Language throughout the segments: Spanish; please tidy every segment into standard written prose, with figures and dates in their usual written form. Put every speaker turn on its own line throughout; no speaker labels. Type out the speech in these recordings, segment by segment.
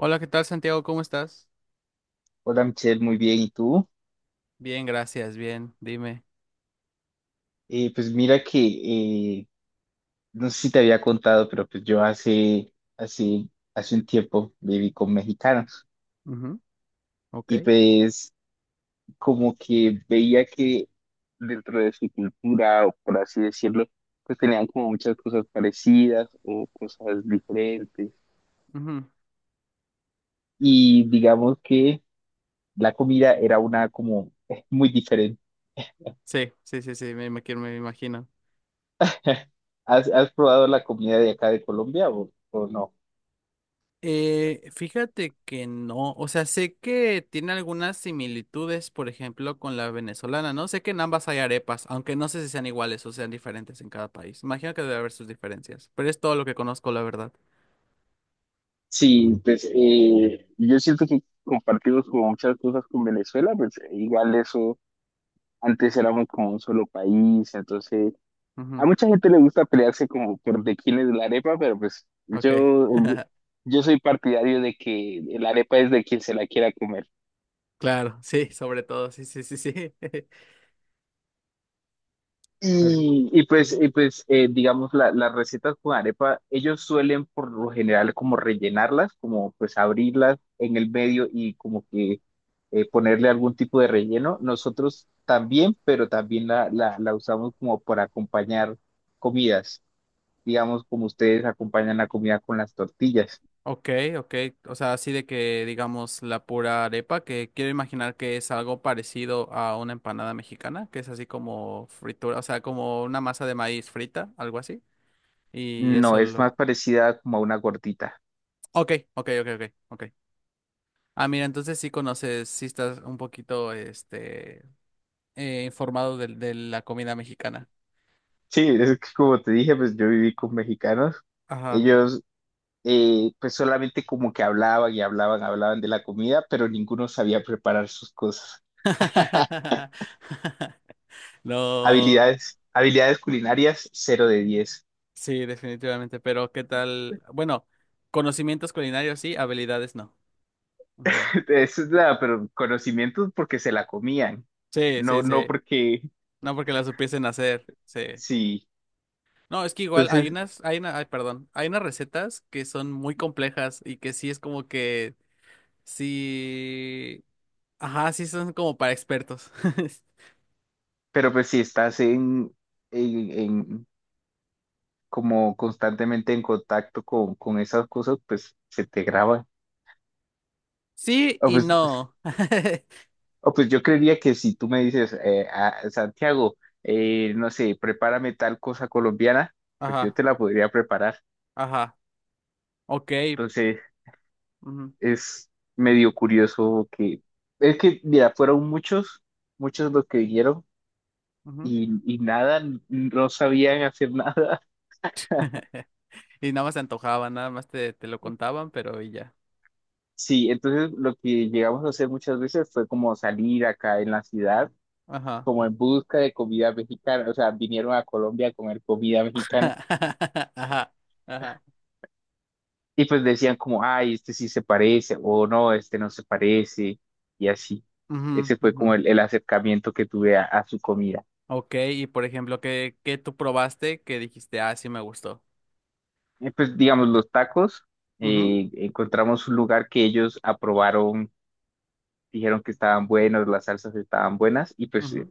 Hola, ¿qué tal, Santiago? ¿Cómo estás?
Hola Michelle, muy bien. ¿Y tú?
Bien, gracias, bien, dime.
Pues mira que, eh, no sé si te había contado, pero pues yo hace, hace un tiempo viví con mexicanos
Ujú, ok.
y pues como que veía que dentro de su cultura, o por así decirlo, pues tenían como muchas cosas parecidas o cosas diferentes.
Ujú.
Y digamos que la comida era una como muy diferente.
Sí, sí, sí, sí, me imagino, me imagino.
¿Has probado la comida de acá de Colombia o no?
Fíjate que no, o sea, sé que tiene algunas similitudes, por ejemplo, con la venezolana, ¿no? Sé que en ambas hay arepas, aunque no sé si sean iguales o sean diferentes en cada país. Imagino que debe haber sus diferencias, pero es todo lo que conozco, la verdad.
Sí, pues yo siento que compartimos como muchas cosas con Venezuela, pues igual eso, antes éramos como un solo país, entonces a
Ujú,
mucha gente le gusta pelearse como por de quién es la arepa, pero pues
ok,
yo soy partidario de que la arepa es de quien se la quiera comer.
claro, sí, sobre todo, sí, sí, sí, sí. Pero,
Y pues,
ujú.
digamos, las recetas con arepa, ellos suelen por lo general como rellenarlas, como pues abrirlas en el medio y como que ponerle algún tipo de relleno. Nosotros también, pero también la usamos como para acompañar comidas, digamos, como ustedes acompañan la comida con las tortillas.
Ok, ok. O sea, así de que digamos la pura arepa, que quiero imaginar que es algo parecido a una empanada mexicana, que es así como fritura, o sea, como una masa de maíz frita, algo así. Y eso
No, es
lo...
más parecida como a una gordita.
Ok, ok, ok, ok, ok. Ah, mira, entonces sí conoces, sí estás un poquito, informado de la comida mexicana.
Sí, es que como te dije, pues yo viví con mexicanos.
Ajá.
Ellos pues solamente como que hablaban y hablaban, hablaban de la comida, pero ninguno sabía preparar sus cosas.
No,
Habilidades culinarias, 0 de 10.
sí, definitivamente, pero ¿qué tal? Bueno, conocimientos culinarios sí, habilidades no. Ujú.
Eso es nada, pero conocimientos porque se la comían,
Sí, sí,
no, no
sí.
porque
No porque las supiesen hacer. Sí.
sí.
No, es que igual hay
Entonces,
unas, hay una, ay, perdón, hay unas recetas que son muy complejas y que sí es como que sí, ajá, sí son como para expertos.
pero pues si estás en, en- como constantemente en contacto con esas cosas, pues se te graba.
Sí y no.
Oh, pues yo creería que si tú me dices, Santiago, no sé, prepárame tal cosa colombiana, pues yo
Ajá,
te la podría preparar.
ajá. Ok.
Entonces,
Ujú,
es medio curioso que, es que, mira, fueron muchos, muchos los que vinieron
ujú.
y nada, no sabían hacer nada.
Y nada más te antojaba, nada más te, te lo contaban, pero y ya.
Sí, entonces lo que llegamos a hacer muchas veces fue como salir acá en la ciudad,
Ajá.
como en busca de comida mexicana, o sea, vinieron a Colombia a comer comida mexicana.
Ajá. Ajá.
Y pues decían como, ay, este sí se parece, o no, este no se parece, y así.
Ujú,
Ese fue
ujú.
como el acercamiento que tuve a su comida.
Ok, y por ejemplo, ¿qué, qué tú probaste que dijiste, ah, sí me gustó?
Y pues digamos, los tacos,
Ujú,
encontramos un lugar que ellos aprobaron, dijeron que estaban buenos, las salsas estaban buenas, y pues
ujú,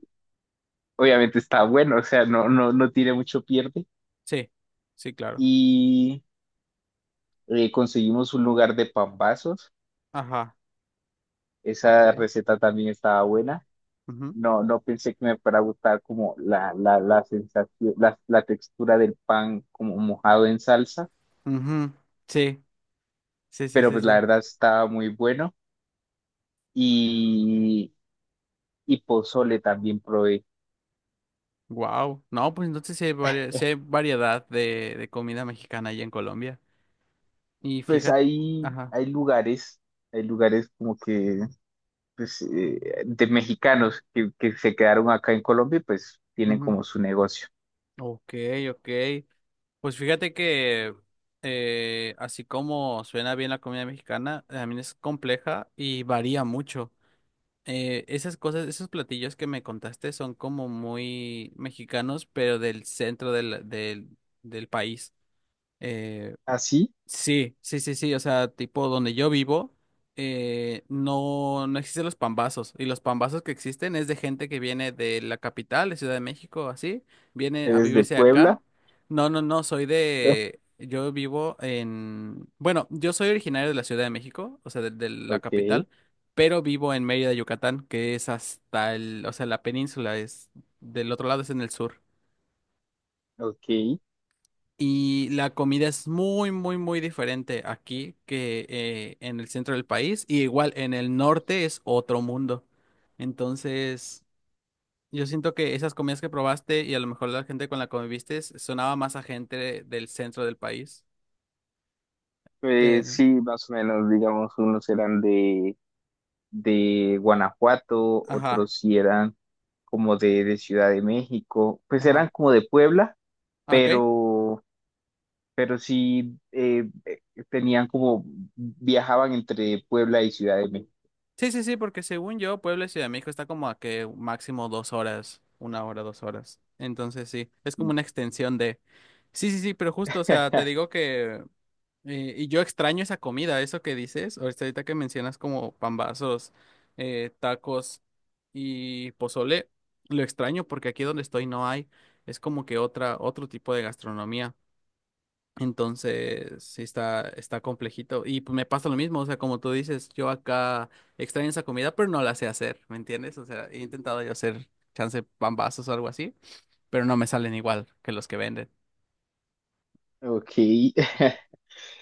obviamente está bueno, o sea, no, no, no tiene mucho pierde.
sí, sí, claro.
Y conseguimos un lugar de pambazos,
Ajá, ok.
esa receta también estaba buena.
Ujú,
No, no pensé que me fuera a gustar como la sensación, la textura del pan como mojado en salsa,
ujú. Sí, sí, sí,
pero
sí,
pues la
sí.
verdad estaba muy bueno. Y, y pozole también probé.
Wow. No, pues entonces sí hay, varia- sí hay variedad de comida mexicana allá en Colombia. Y
Pues
fíjate,
hay,
ajá.
hay lugares como que pues, de mexicanos que se quedaron acá en Colombia y pues tienen
Ujú.
como su negocio.
Ok, ok. Pues fíjate que así como suena bien la comida mexicana, también es compleja y varía mucho. Esas cosas, esos platillos que me contaste son como muy mexicanos, pero del centro del país. eh,
¿Así?
Sí, sí, sí, sí, o sea, tipo donde yo vivo, no, no existen los pambazos, y los pambazos que existen es de gente que viene de la capital, de Ciudad de México, así, vienen a
¿Eres de
vivirse acá.
Puebla?
No, no, no, soy de, yo vivo en, bueno, yo soy originario de la Ciudad de México, o sea, de la
Ok,
capital, pero vivo en Mérida, Yucatán, que es hasta el, o sea, la península es del otro lado, es en el sur.
ok.
Y la comida es muy, muy, muy diferente aquí que en el centro del país. Y igual en el norte es otro mundo. Entonces, yo siento que esas comidas que probaste y a lo mejor la gente con la que conviviste sonaba más a gente del centro del país.
Pues
Pero,
sí, más o menos, digamos, unos eran de Guanajuato,
ajá,
otros sí eran como de Ciudad de México, pues
ajá.
eran como de Puebla,
¿Ah, ok?
pero, pero sí tenían como, viajaban entre Puebla y Ciudad de México.
Sí, sí, sí, porque según yo, Puebla y Ciudad de México está como a que máximo dos horas, una hora, dos horas. Entonces, sí, es como una extensión de... Sí, sí, sí, pero justo, o sea, te digo que y yo extraño esa comida, eso que dices, ahorita ahorita que mencionas como pambazos, tacos y pozole, lo extraño porque aquí donde estoy no hay, es como que otra, otro tipo de gastronomía. Entonces, sí está, está complejito. Y pues, me pasa lo mismo, o sea, como tú dices, yo acá extraño esa comida, pero no la sé hacer, ¿me entiendes? O sea, he intentado yo hacer chance pambazos o algo así, pero no me salen igual que los que venden.
Ok.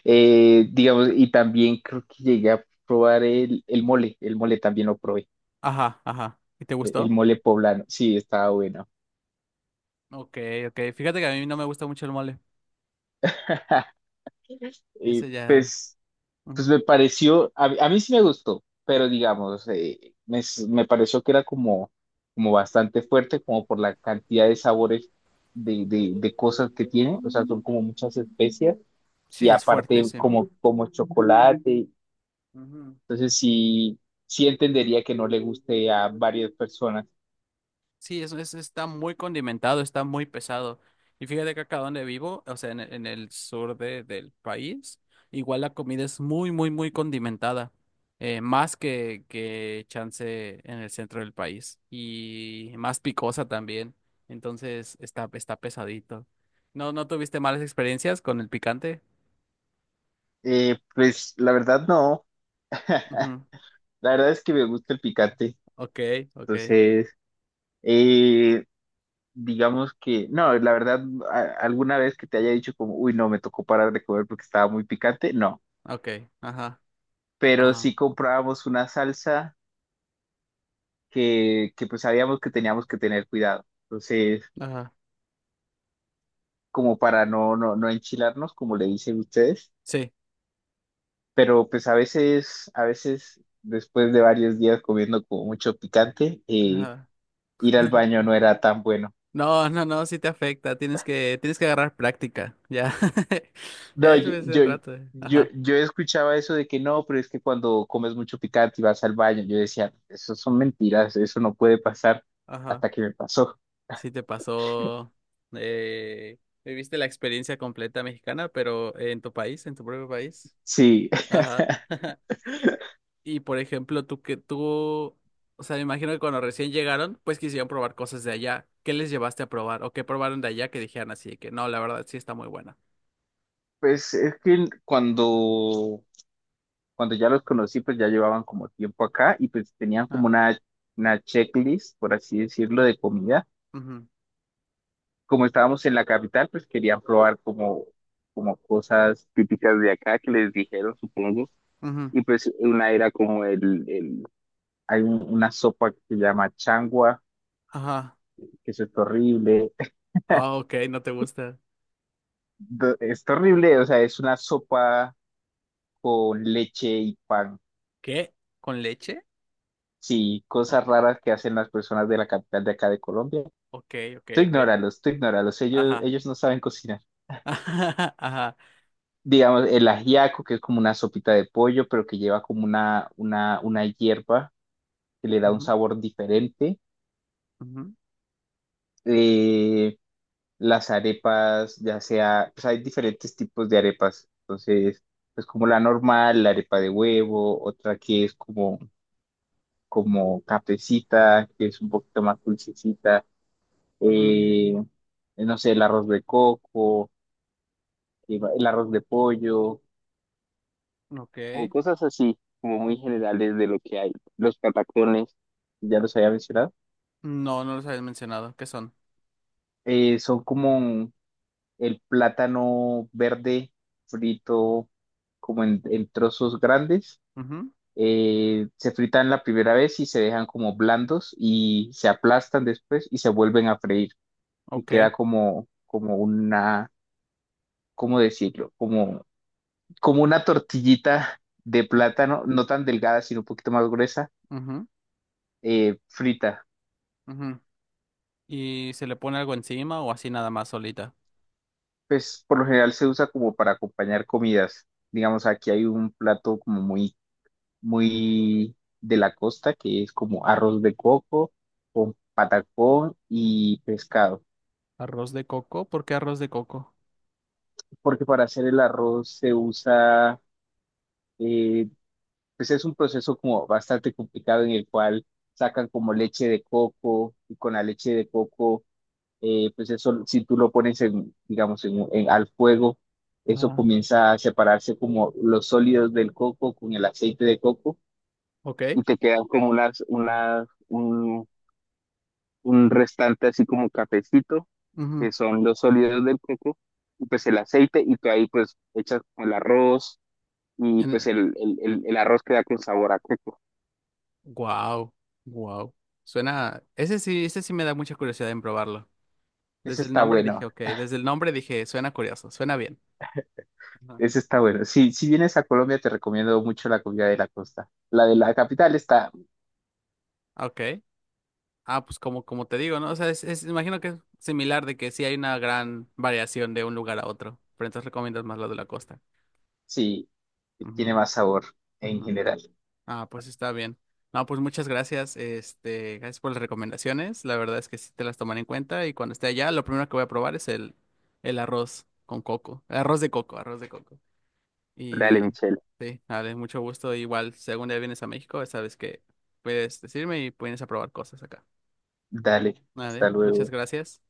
Digamos, y también creo que llegué a probar el mole también lo probé,
Ajá, ajá. ¿Y te
el
gustó?
mole poblano, sí, estaba bueno.
Ok, ok. Fíjate que a mí no me gusta mucho el mole.
Y
Ese ya.
pues pues
Ujú.
me pareció, a mí sí me gustó, pero digamos, me, me pareció que era como, como bastante fuerte, como por la cantidad de sabores de cosas que tiene, o sea, son como muchas especias y
Sí, es
aparte como,
fuertísimo.
como chocolate,
Ujú.
entonces sí, sí entendería que no le guste a varias personas.
Sí, eso es, está muy condimentado, está muy pesado. Y fíjate que acá donde vivo, o sea, en el sur de- del país, igual la comida es muy, muy, muy condimentada. Más que chance en el centro del país. Y más picosa también. Entonces está, está pesadito. ¿No, no tuviste malas experiencias con el picante?
Pues la verdad no,
Ujú.
la verdad es que me gusta el picante,
Ok, ok.
entonces... eh, digamos que, no, la verdad, alguna vez que te haya dicho como, uy, no, me tocó parar de comer porque estaba muy picante, no,
Ok, ajá,
pero
ajá,
sí comprábamos una salsa que pues sabíamos que teníamos que tener cuidado, entonces,
ajá,
como para no, no, no enchilarnos, como le dicen ustedes,
sí,
pero pues a veces, después de varios días comiendo como mucho picante,
ajá.
ir al baño no era tan bueno.
No, no, no, sí te afecta, tienes que agarrar práctica, ya, ya
No, yo,
después de un
yo,
rato, eh.
yo,
Ajá,
yo escuchaba eso de que no, pero es que cuando comes mucho picante y vas al baño, yo decía, eso son mentiras, eso no puede pasar
ajá,
hasta que me pasó.
sí te pasó, eh, viviste la experiencia completa mexicana, pero en tu país, en tu propio país,
Sí,
ajá, y por ejemplo, tú que, tú, o sea, me imagino que cuando recién llegaron, pues quisieron probar cosas de allá, ¿qué les llevaste a probar, o qué probaron de allá que dijeran así, de que no, la verdad sí está muy buena,
pues es que cuando, cuando ya los conocí, pues ya llevaban como tiempo acá y pues tenían como una checklist, por así decirlo, de comida.
ah,
Como estábamos en la capital, pues querían probar como, como cosas típicas de acá que les dijeron, supongo.
ujú,
Y pues una era como el hay una sopa que se llama changua,
ajá.
que eso es horrible.
Ah, ok, no te gusta.
Es horrible, o sea, es una sopa con leche y pan.
¿Qué? ¿Con leche?
Sí,
O-
cosas raras que hacen las personas de la capital de acá de Colombia.
ok, ok, ok.
Tú ignóralos, ellos,
Ajá.
ellos no saben cocinar.
Ajá.
Digamos, el ajiaco, que es como una sopita de pollo, pero que lleva como una hierba que le da un
Ujú,
sabor diferente.
ujú,
Eh, las arepas, ya sea, pues hay diferentes tipos de arepas. Entonces, pues como la normal, la arepa de huevo, otra que es como, como cafecita, que es un poquito más dulcecita,
ujú.
eh, no sé, el arroz de coco, el arroz de pollo, como
Ok.
cosas así, como muy
O-
generales de lo que hay. Los patacones, ya los había mencionado,
no, no los habías mencionado. ¿Qué son?
son como el plátano verde frito como en trozos grandes,
Ujú,
se fritan la primera vez y se dejan como blandos y se aplastan después y se vuelven a freír y
ok.
queda como, como una, ¿cómo decirlo? Como, como una tortillita de
U-
plátano, no tan delgada, sino un poquito más gruesa,
ujú,
frita.
ujú. ¿Y se le pone algo encima o así nada más solita?
Pues por lo general se usa como para acompañar comidas. Digamos, aquí hay un plato como muy, muy de la costa que es como arroz de coco con patacón y pescado.
¿Arroz de coco? ¿Por qué arroz de coco?
Porque para hacer el arroz se usa, eh, pues es un proceso como bastante complicado en el cual sacan como leche de coco y con la leche de coco, pues eso, si tú lo pones en, digamos, en, al fuego, eso
Ah,
comienza a separarse como los sólidos del coco con el aceite de coco
ok.
y te quedan como unas, unas, un restante así como cafecito, que
Ujú.
son los sólidos del coco y pues el aceite y tú ahí pues echas el arroz y pues
En-
el arroz queda con sabor a coco.
guau, guau. Suena. Ese sí me da mucha curiosidad en probarlo.
Ese
Desde el
está
nombre dije,
bueno,
ok, desde el nombre dije, suena curioso, suena bien. Ajá.
ese está bueno. Sí, si vienes a Colombia, te recomiendo mucho la comida de la costa. La de la capital está,
Ok. Ah, pues como, como te digo, ¿no? O sea, es- imagino que es similar de que sí hay una gran variación de un lugar a otro, pero entonces recomiendas más la de la costa.
sí, tiene
Ujú,
más sabor en
ujú.
general.
Ah, pues está bien. No, pues muchas gracias, este, gracias por las recomendaciones. La verdad es que sí te las tomaré en cuenta y cuando esté allá, lo primero que voy a probar es el arroz con coco, el arroz de coco, arroz de coco.
Dale,
Y
Michelle.
sí, dale, mucho gusto. Igual, si algún día vienes a México, sabes que puedes decirme y puedes aprobar cosas acá.
Dale,
Vale,
hasta
muchas
luego.
gracias.